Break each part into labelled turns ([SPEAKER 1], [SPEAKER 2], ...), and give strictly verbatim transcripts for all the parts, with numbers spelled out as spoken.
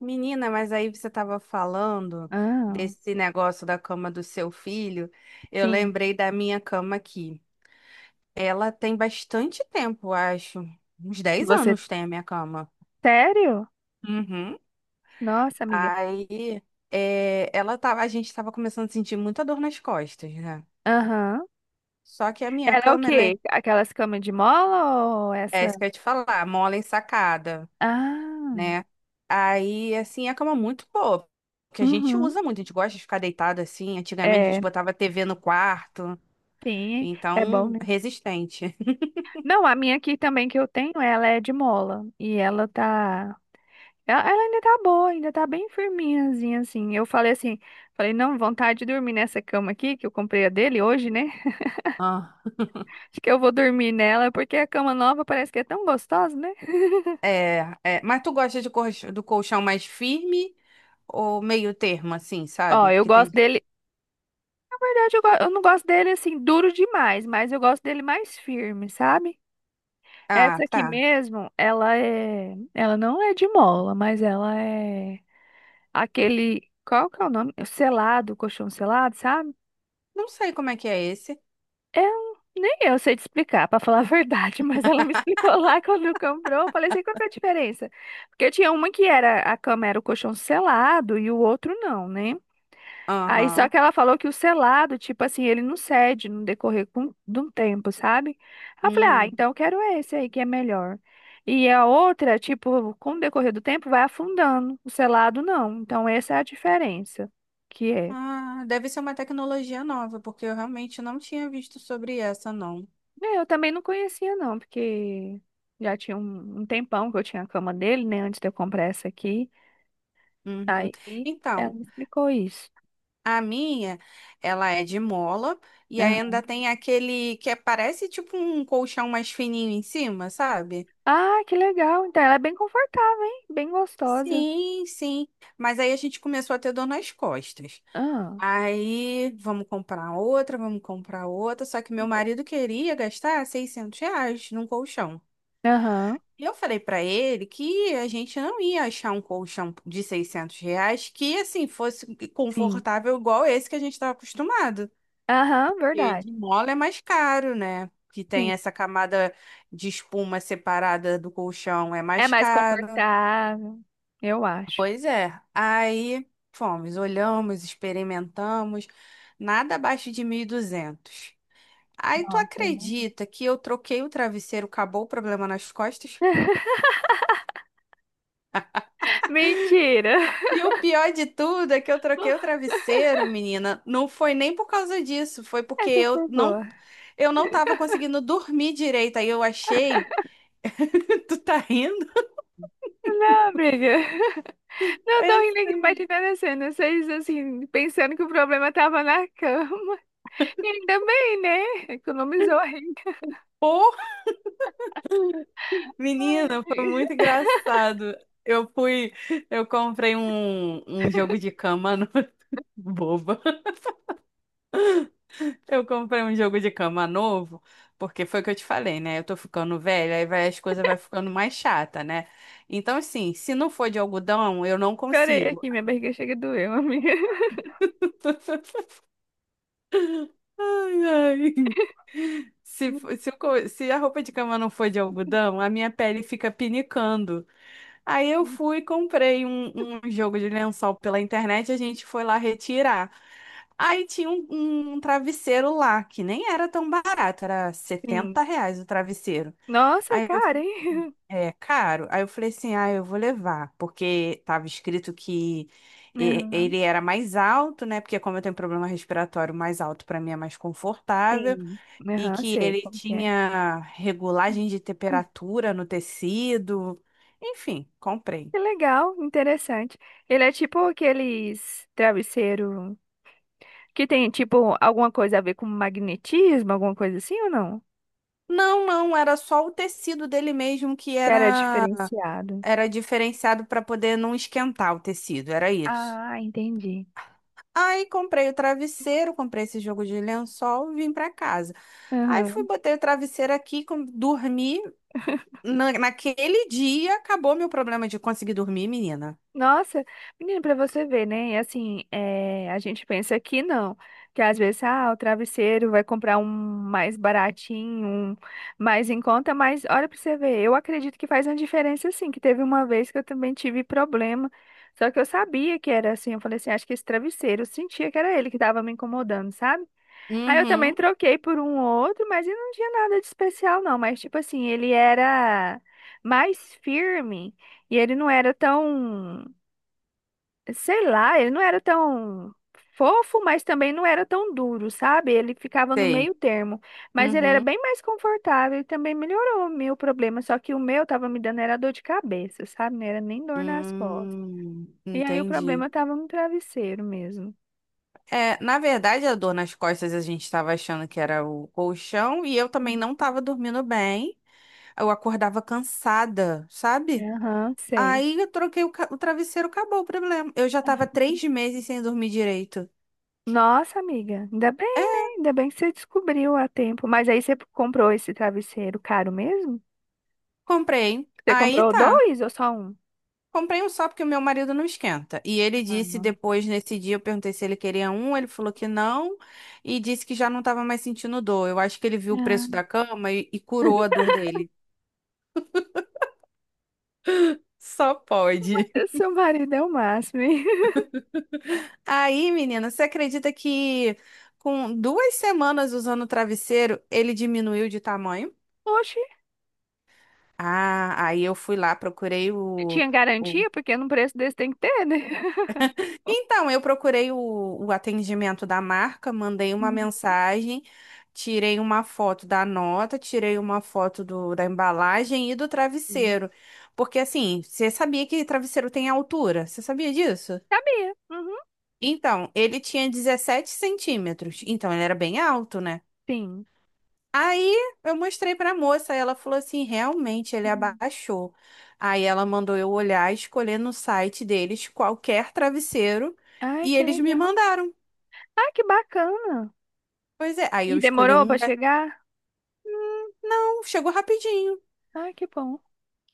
[SPEAKER 1] Menina, mas aí você estava falando
[SPEAKER 2] Ah,
[SPEAKER 1] desse negócio da cama do seu filho. Eu
[SPEAKER 2] sim.
[SPEAKER 1] lembrei da minha cama aqui. Ela tem bastante tempo, acho. Uns
[SPEAKER 2] Que
[SPEAKER 1] dez
[SPEAKER 2] você.
[SPEAKER 1] anos tem a minha cama.
[SPEAKER 2] Sério?
[SPEAKER 1] Uhum.
[SPEAKER 2] Nossa, amiga.
[SPEAKER 1] Aí, é, ela tava, a gente estava começando a sentir muita dor nas costas, né?
[SPEAKER 2] Aham.
[SPEAKER 1] Só que a minha
[SPEAKER 2] Ela é o
[SPEAKER 1] cama, ela é,
[SPEAKER 2] quê? Aquelas camas de mola ou
[SPEAKER 1] é
[SPEAKER 2] essa?
[SPEAKER 1] isso que eu ia te falar, mola ensacada,
[SPEAKER 2] Ah,
[SPEAKER 1] né? Aí, assim, é a cama é muito boa, porque a gente
[SPEAKER 2] uhum.
[SPEAKER 1] usa muito, a gente gosta de ficar deitado assim. Antigamente a gente
[SPEAKER 2] É,
[SPEAKER 1] botava T V no quarto.
[SPEAKER 2] sim, é bom,
[SPEAKER 1] Então,
[SPEAKER 2] né?
[SPEAKER 1] resistente.
[SPEAKER 2] Não, a minha aqui também que eu tenho, ela é de mola. E ela tá. Ela, ela ainda tá boa, ainda tá bem firminhazinha, assim. Eu falei assim, falei, não, vontade de dormir nessa cama aqui, que eu comprei a dele hoje, né?
[SPEAKER 1] Ah,
[SPEAKER 2] Acho que eu vou dormir nela, porque a cama nova parece que é tão gostosa, né?
[SPEAKER 1] é, é. Mas tu gosta de colch- do colchão mais firme ou meio termo, assim,
[SPEAKER 2] Ó,
[SPEAKER 1] sabe?
[SPEAKER 2] eu
[SPEAKER 1] Porque
[SPEAKER 2] gosto
[SPEAKER 1] tem.
[SPEAKER 2] dele. Na verdade, eu, go- eu não gosto dele assim duro demais, mas eu gosto dele mais firme, sabe?
[SPEAKER 1] Ah,
[SPEAKER 2] Essa aqui
[SPEAKER 1] tá.
[SPEAKER 2] mesmo, ela é, ela não é de mola, mas ela é aquele, qual que é o nome? Selado, colchão selado, sabe?
[SPEAKER 1] Não sei como é que é esse.
[SPEAKER 2] É um- nem eu sei te explicar, pra falar a verdade, mas ela me explicou lá quando comprou, eu falei assim, qual que é a diferença? Porque tinha uma que era a cama era o colchão selado e o outro não, né? Aí só
[SPEAKER 1] Aham.
[SPEAKER 2] que ela falou que o selado, tipo assim, ele não cede no decorrer com- de um tempo, sabe? Aí eu falei, ah,
[SPEAKER 1] Hum.
[SPEAKER 2] então eu quero esse aí que é melhor. E a outra, tipo, com o decorrer do tempo vai afundando, o selado não. Então essa é a diferença que é.
[SPEAKER 1] Ah, deve ser uma tecnologia nova, porque eu realmente não tinha visto sobre essa, não.
[SPEAKER 2] É, eu também não conhecia não, porque já tinha um, um tempão que eu tinha a cama dele, né, antes de eu comprar essa aqui.
[SPEAKER 1] Uhum.
[SPEAKER 2] Aí ela
[SPEAKER 1] Então,
[SPEAKER 2] me explicou isso.
[SPEAKER 1] a minha, ela é de mola e
[SPEAKER 2] Aham.
[SPEAKER 1] ainda tem aquele que é- parece tipo um colchão mais fininho em cima, sabe?
[SPEAKER 2] Ah, que legal. Então ela é bem confortável, hein? Bem gostosa.
[SPEAKER 1] Sim, sim. Mas aí a gente começou a ter dor nas costas.
[SPEAKER 2] Ah.
[SPEAKER 1] Aí, vamos comprar outra, vamos comprar outra. Só que meu marido queria gastar seiscentos reais num colchão.
[SPEAKER 2] Aham.
[SPEAKER 1] E eu falei pra ele que a gente não ia achar um colchão de seiscentos reais que, assim, fosse
[SPEAKER 2] Sim.
[SPEAKER 1] confortável igual esse que a gente estava acostumado.
[SPEAKER 2] Aham,
[SPEAKER 1] Porque de
[SPEAKER 2] verdade.
[SPEAKER 1] mola é mais caro, né? Que
[SPEAKER 2] Sim.
[SPEAKER 1] tem essa camada de espuma separada do colchão, é
[SPEAKER 2] É
[SPEAKER 1] mais
[SPEAKER 2] mais
[SPEAKER 1] caro.
[SPEAKER 2] confortável, eu acho.
[SPEAKER 1] Pois é. Aí fomos, olhamos, experimentamos, nada abaixo de mil e duzentos. Aí tu
[SPEAKER 2] Nossa, imagina.
[SPEAKER 1] acredita que eu troquei o travesseiro, acabou o problema nas costas?
[SPEAKER 2] Mentira!
[SPEAKER 1] E o pior de tudo é que eu troquei o travesseiro, menina. Não foi nem por causa disso, foi porque
[SPEAKER 2] Essa
[SPEAKER 1] eu
[SPEAKER 2] foi
[SPEAKER 1] não
[SPEAKER 2] boa.
[SPEAKER 1] eu não tava conseguindo dormir direito. Aí eu achei, tu tá rindo?
[SPEAKER 2] Não, amiga. Não
[SPEAKER 1] É
[SPEAKER 2] tô rindo aqui,
[SPEAKER 1] assim.
[SPEAKER 2] imaginando a cena. Vocês, assim, pensando que o problema tava na cama. E ainda bem, né? Economizou a renda. Ai,
[SPEAKER 1] Menina, foi muito
[SPEAKER 2] amiga.
[SPEAKER 1] engraçado. Eu fui, eu comprei um, um jogo de cama no... boba. Eu comprei um jogo de cama novo, porque foi o que eu te falei, né? Eu tô ficando velha, aí vai, as coisas vai ficando mais chata, né? Então, assim, se não for de algodão, eu não
[SPEAKER 2] Chorei
[SPEAKER 1] consigo.
[SPEAKER 2] aqui, minha barriga chega a doer, amiga.
[SPEAKER 1] Ai, ai. Se, fo- se, o co- se a roupa de cama não for de algodão, a minha pele fica pinicando. Aí eu fui e comprei um, um jogo de lençol pela internet, a gente foi lá retirar. Aí tinha um, um travesseiro lá, que nem era tão barato, era
[SPEAKER 2] Sim.
[SPEAKER 1] setenta reais o travesseiro.
[SPEAKER 2] Nossa,
[SPEAKER 1] Aí eu
[SPEAKER 2] cara,
[SPEAKER 1] fui,
[SPEAKER 2] hein?
[SPEAKER 1] é caro. Aí eu falei assim, ah, eu vou levar, porque tava escrito que e-
[SPEAKER 2] Aham,
[SPEAKER 1] ele era mais alto, né? Porque como eu tenho problema respiratório, mais alto para mim é mais confortável
[SPEAKER 2] sim.
[SPEAKER 1] e
[SPEAKER 2] Aham,
[SPEAKER 1] que
[SPEAKER 2] sei
[SPEAKER 1] ele
[SPEAKER 2] como que é.
[SPEAKER 1] tinha regulagem de temperatura no tecido. Enfim, comprei.
[SPEAKER 2] Que legal, interessante. Ele é tipo aqueles travesseiro que tem tipo alguma coisa a ver com magnetismo, alguma coisa assim ou não?
[SPEAKER 1] Não, não, era só o tecido dele mesmo que
[SPEAKER 2] Que era
[SPEAKER 1] era
[SPEAKER 2] diferenciado.
[SPEAKER 1] era diferenciado para poder não esquentar o tecido, era isso.
[SPEAKER 2] Ah, entendi.
[SPEAKER 1] Aí comprei o travesseiro, comprei esse jogo de lençol, e vim para casa. Aí fui,
[SPEAKER 2] Aham.
[SPEAKER 1] botei o travesseiro aqui, com- dormi. Na- naquele dia acabou meu problema de conseguir dormir, menina.
[SPEAKER 2] Nossa, menina, pra você ver, né? E assim, é, a gente pensa que não, que às vezes, ah, o travesseiro vai comprar um mais baratinho, um mais em conta, mas olha pra você ver, eu acredito que faz uma diferença sim, que teve uma vez que eu também tive problema, só que eu sabia que era assim, eu falei assim, acho que esse travesseiro, eu sentia que era ele que tava me incomodando, sabe? Aí eu também
[SPEAKER 1] Uhum,
[SPEAKER 2] troquei por um outro, mas ele não tinha nada de especial não, mas tipo assim, ele era mais firme e ele não era tão sei lá, ele não era tão fofo, mas também não era tão duro, sabe? Ele ficava no
[SPEAKER 1] tem.
[SPEAKER 2] meio termo, mas ele era bem mais confortável e também melhorou o meu problema, só que o meu tava me dando era dor de cabeça, sabe? Não era nem dor nas costas.
[SPEAKER 1] Hum,
[SPEAKER 2] E aí o
[SPEAKER 1] entendi.
[SPEAKER 2] problema tava no travesseiro mesmo.
[SPEAKER 1] É, na verdade, a dor nas costas a gente estava achando que era o colchão e eu também não
[SPEAKER 2] Uhum.
[SPEAKER 1] estava dormindo bem. Eu acordava cansada, sabe?
[SPEAKER 2] Aham, sei.
[SPEAKER 1] Aí eu troquei o, ca- o travesseiro, acabou o problema. Eu já estava três meses sem dormir direito.
[SPEAKER 2] Nossa, amiga, ainda bem, né?
[SPEAKER 1] É,
[SPEAKER 2] Ainda bem que você descobriu a tempo. Mas aí você comprou esse travesseiro caro mesmo?
[SPEAKER 1] comprei.
[SPEAKER 2] Você
[SPEAKER 1] Aí
[SPEAKER 2] comprou
[SPEAKER 1] tá.
[SPEAKER 2] dois ou só um?
[SPEAKER 1] Comprei um só porque o meu marido não esquenta. E ele
[SPEAKER 2] Ah,
[SPEAKER 1] disse
[SPEAKER 2] não.
[SPEAKER 1] depois, nesse dia, eu perguntei se ele queria um, ele falou que não e disse que já não estava mais sentindo dor. Eu acho que ele viu o
[SPEAKER 2] Ah,
[SPEAKER 1] preço da cama e e curou a dor dele. Só pode.
[SPEAKER 2] seu marido é o máximo, hein?
[SPEAKER 1] Aí, menina, você acredita que com duas semanas usando o travesseiro, ele diminuiu de tamanho?
[SPEAKER 2] Oxe,
[SPEAKER 1] Ah, aí eu fui lá, procurei
[SPEAKER 2] tinha
[SPEAKER 1] o. o-
[SPEAKER 2] garantia? Porque num preço desse tem que ter, né?
[SPEAKER 1] Então, eu procurei o, o atendimento da marca, mandei uma mensagem, tirei uma foto da nota, tirei uma foto do, da embalagem e do
[SPEAKER 2] Uhum.
[SPEAKER 1] travesseiro. Porque, assim, você sabia que travesseiro tem altura? Você sabia disso?
[SPEAKER 2] Sabia. Uhum,
[SPEAKER 1] Então, ele tinha dezessete centímetros, então ele era bem alto, né?
[SPEAKER 2] sim.
[SPEAKER 1] Aí eu mostrei pra moça, ela falou assim: realmente ele
[SPEAKER 2] Hum.
[SPEAKER 1] abaixou. Aí ela mandou eu olhar, escolher no site deles qualquer travesseiro
[SPEAKER 2] Ai,
[SPEAKER 1] e
[SPEAKER 2] que
[SPEAKER 1] eles me
[SPEAKER 2] legal.
[SPEAKER 1] mandaram.
[SPEAKER 2] Ai, que bacana.
[SPEAKER 1] Pois é, aí
[SPEAKER 2] E
[SPEAKER 1] eu escolhi
[SPEAKER 2] demorou pra
[SPEAKER 1] um, né?
[SPEAKER 2] chegar?
[SPEAKER 1] Então, chegou rapidinho.
[SPEAKER 2] Ai, que bom.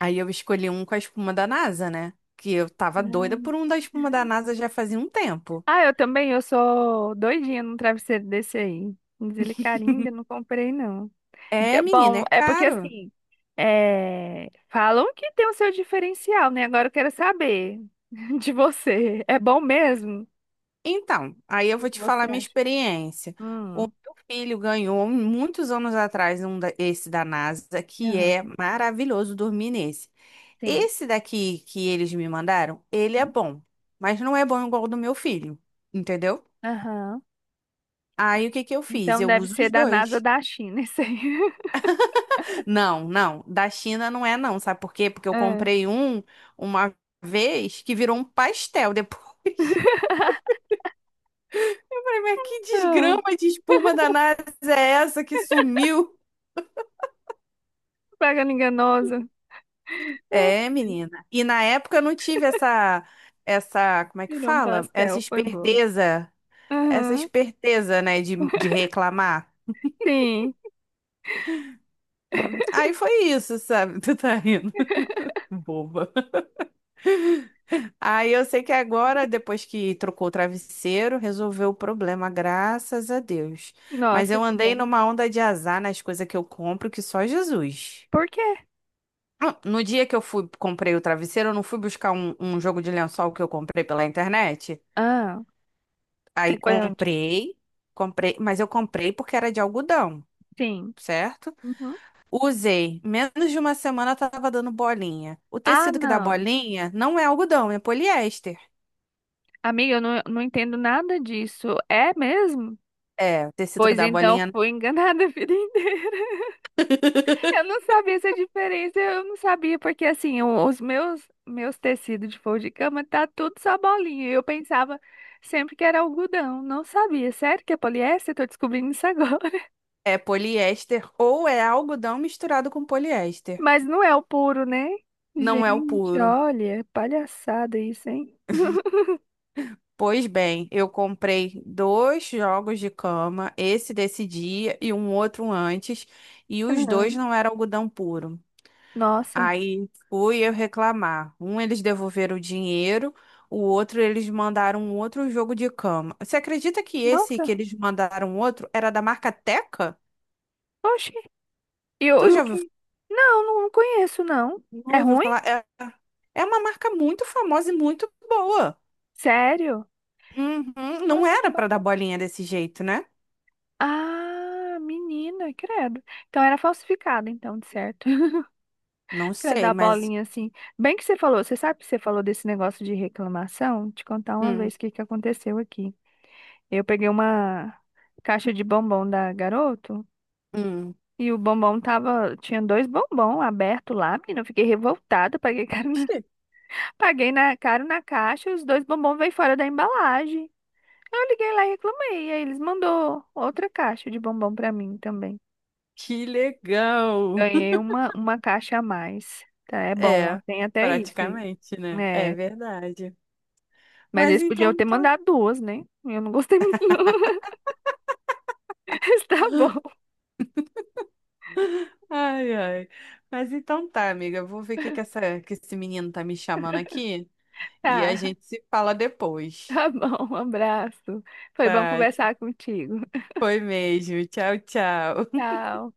[SPEAKER 1] Aí eu escolhi um com a espuma da NASA, né? Que eu tava doida
[SPEAKER 2] Ah,
[SPEAKER 1] por um da espuma da NASA já fazia um tempo.
[SPEAKER 2] ah, eu também, eu sou doidinha num travesseiro desse aí. Mas ele carinho ainda não comprei, não.
[SPEAKER 1] É,
[SPEAKER 2] É,
[SPEAKER 1] menina,
[SPEAKER 2] bom,
[SPEAKER 1] é
[SPEAKER 2] é porque
[SPEAKER 1] caro.
[SPEAKER 2] assim, é, falam que tem o seu diferencial, né? Agora eu quero saber de você. É bom mesmo? O
[SPEAKER 1] Então, aí eu
[SPEAKER 2] que
[SPEAKER 1] vou
[SPEAKER 2] que
[SPEAKER 1] te
[SPEAKER 2] você
[SPEAKER 1] falar minha
[SPEAKER 2] acha?
[SPEAKER 1] experiência. O
[SPEAKER 2] Hum,
[SPEAKER 1] meu filho ganhou muitos anos atrás um da- esse da NASA, que
[SPEAKER 2] aham,
[SPEAKER 1] é maravilhoso dormir nesse.
[SPEAKER 2] sim.
[SPEAKER 1] Esse daqui que eles me mandaram, ele é bom, mas não é bom igual o do meu filho, entendeu?
[SPEAKER 2] Aham.
[SPEAKER 1] Aí o que que eu fiz?
[SPEAKER 2] Então
[SPEAKER 1] Eu
[SPEAKER 2] deve
[SPEAKER 1] uso
[SPEAKER 2] ser
[SPEAKER 1] os
[SPEAKER 2] da NASA
[SPEAKER 1] dois.
[SPEAKER 2] da China, isso aí.
[SPEAKER 1] Não, não, da China não é não, sabe por quê? Porque eu
[SPEAKER 2] É.
[SPEAKER 1] comprei um uma vez que virou um pastel depois. Eu Mas que
[SPEAKER 2] Não,
[SPEAKER 1] desgrama de espuma da NASA é essa que sumiu?
[SPEAKER 2] propaganda enganosa.
[SPEAKER 1] É,
[SPEAKER 2] Ai,
[SPEAKER 1] menina. E na época eu não tive essa, essa, como é que
[SPEAKER 2] virou um
[SPEAKER 1] fala? Essa
[SPEAKER 2] pastel, foi boa.
[SPEAKER 1] esperteza, essa
[SPEAKER 2] Aham,
[SPEAKER 1] esperteza, né, de, de reclamar.
[SPEAKER 2] sim.
[SPEAKER 1] Aí foi isso, sabe? Tu tá rindo, boba. Aí eu sei que agora, depois que trocou o travesseiro, resolveu o problema, graças a Deus. Mas
[SPEAKER 2] Nossa,
[SPEAKER 1] eu
[SPEAKER 2] que
[SPEAKER 1] andei
[SPEAKER 2] bom.
[SPEAKER 1] numa onda de azar nas coisas que eu compro, que só Jesus.
[SPEAKER 2] Por quê?
[SPEAKER 1] Ah, no dia que eu fui, comprei o travesseiro, eu não fui buscar um, um jogo de lençol que eu comprei pela internet?
[SPEAKER 2] Ah,
[SPEAKER 1] Aí
[SPEAKER 2] você foi onde?
[SPEAKER 1] comprei, comprei, mas eu comprei porque era de algodão,
[SPEAKER 2] Sim.
[SPEAKER 1] certo?
[SPEAKER 2] Uhum.
[SPEAKER 1] Usei. Menos de uma semana tava dando bolinha. O
[SPEAKER 2] Ah,
[SPEAKER 1] tecido que dá
[SPEAKER 2] não.
[SPEAKER 1] bolinha não é algodão, é poliéster.
[SPEAKER 2] Amiga, eu não, não entendo nada disso. É mesmo?
[SPEAKER 1] É, o tecido que
[SPEAKER 2] Pois
[SPEAKER 1] dá
[SPEAKER 2] então,
[SPEAKER 1] bolinha
[SPEAKER 2] fui enganada a vida inteira. Eu não sabia essa diferença, eu não sabia, porque assim, o- os meus meus tecidos de forro de cama tá tudo só bolinha. Eu pensava sempre que era algodão, não sabia. Sério que é poliéster? Tô descobrindo isso agora.
[SPEAKER 1] é poliéster ou é algodão misturado com poliéster.
[SPEAKER 2] Mas não é o puro, né?
[SPEAKER 1] Não é o
[SPEAKER 2] Gente,
[SPEAKER 1] puro.
[SPEAKER 2] olha, palhaçada isso, hein?
[SPEAKER 1] Pois bem, eu comprei dois jogos de cama, esse desse dia e um outro antes, e os dois
[SPEAKER 2] Aham.
[SPEAKER 1] não eram algodão puro.
[SPEAKER 2] Nossa,
[SPEAKER 1] Aí fui eu reclamar. Um, eles devolveram o dinheiro, o outro, eles mandaram um outro jogo de cama. Você acredita que esse que
[SPEAKER 2] nossa,
[SPEAKER 1] eles mandaram um outro era da marca Teca?
[SPEAKER 2] oxi. E o
[SPEAKER 1] Tu
[SPEAKER 2] e o
[SPEAKER 1] já ouviu,
[SPEAKER 2] que? Não, não conheço, não.
[SPEAKER 1] não
[SPEAKER 2] É
[SPEAKER 1] ouviu
[SPEAKER 2] ruim?
[SPEAKER 1] falar? É, é uma marca muito famosa e muito boa.
[SPEAKER 2] Sério?
[SPEAKER 1] Uhum. Não
[SPEAKER 2] Nossa, que
[SPEAKER 1] era pra dar
[SPEAKER 2] bacana.
[SPEAKER 1] bolinha desse jeito, né?
[SPEAKER 2] Ah, menina, credo. Então era falsificado, então, de certo.
[SPEAKER 1] Não
[SPEAKER 2] Pra
[SPEAKER 1] sei,
[SPEAKER 2] dar
[SPEAKER 1] mas.
[SPEAKER 2] bolinha assim. Bem que você falou, você sabe que você falou desse negócio de reclamação? Te contar uma
[SPEAKER 1] Hum,
[SPEAKER 2] vez o que que aconteceu aqui. Eu peguei uma caixa de bombom da Garoto
[SPEAKER 1] hum.
[SPEAKER 2] e o bombom tava, tinha dois bombom aberto lá, menina, eu fiquei revoltada, paguei caro na,
[SPEAKER 1] Oxê.
[SPEAKER 2] paguei na, caro na caixa, os dois bombom veio fora da embalagem. Eu liguei lá e reclamei, aí eles mandou outra caixa de bombom pra mim também.
[SPEAKER 1] Que legal!
[SPEAKER 2] Ganhei uma, uma caixa a mais. Tá, é bom, ó,
[SPEAKER 1] É,
[SPEAKER 2] tem até isso aí.
[SPEAKER 1] praticamente, né? É
[SPEAKER 2] É.
[SPEAKER 1] verdade.
[SPEAKER 2] Mas
[SPEAKER 1] Mas
[SPEAKER 2] eles podiam
[SPEAKER 1] então
[SPEAKER 2] ter
[SPEAKER 1] tá.
[SPEAKER 2] mandado duas, né? Eu não gostei muito, não. Mas Tá bom,
[SPEAKER 1] Ai, ai. Mas então tá, amiga. Eu vou ver o que que essa, que esse menino tá me chamando aqui e a
[SPEAKER 2] tá.
[SPEAKER 1] gente se fala depois.
[SPEAKER 2] Tá bom, um abraço. Foi bom
[SPEAKER 1] Tá,
[SPEAKER 2] conversar contigo.
[SPEAKER 1] foi mesmo. Tchau, tchau.
[SPEAKER 2] Tchau.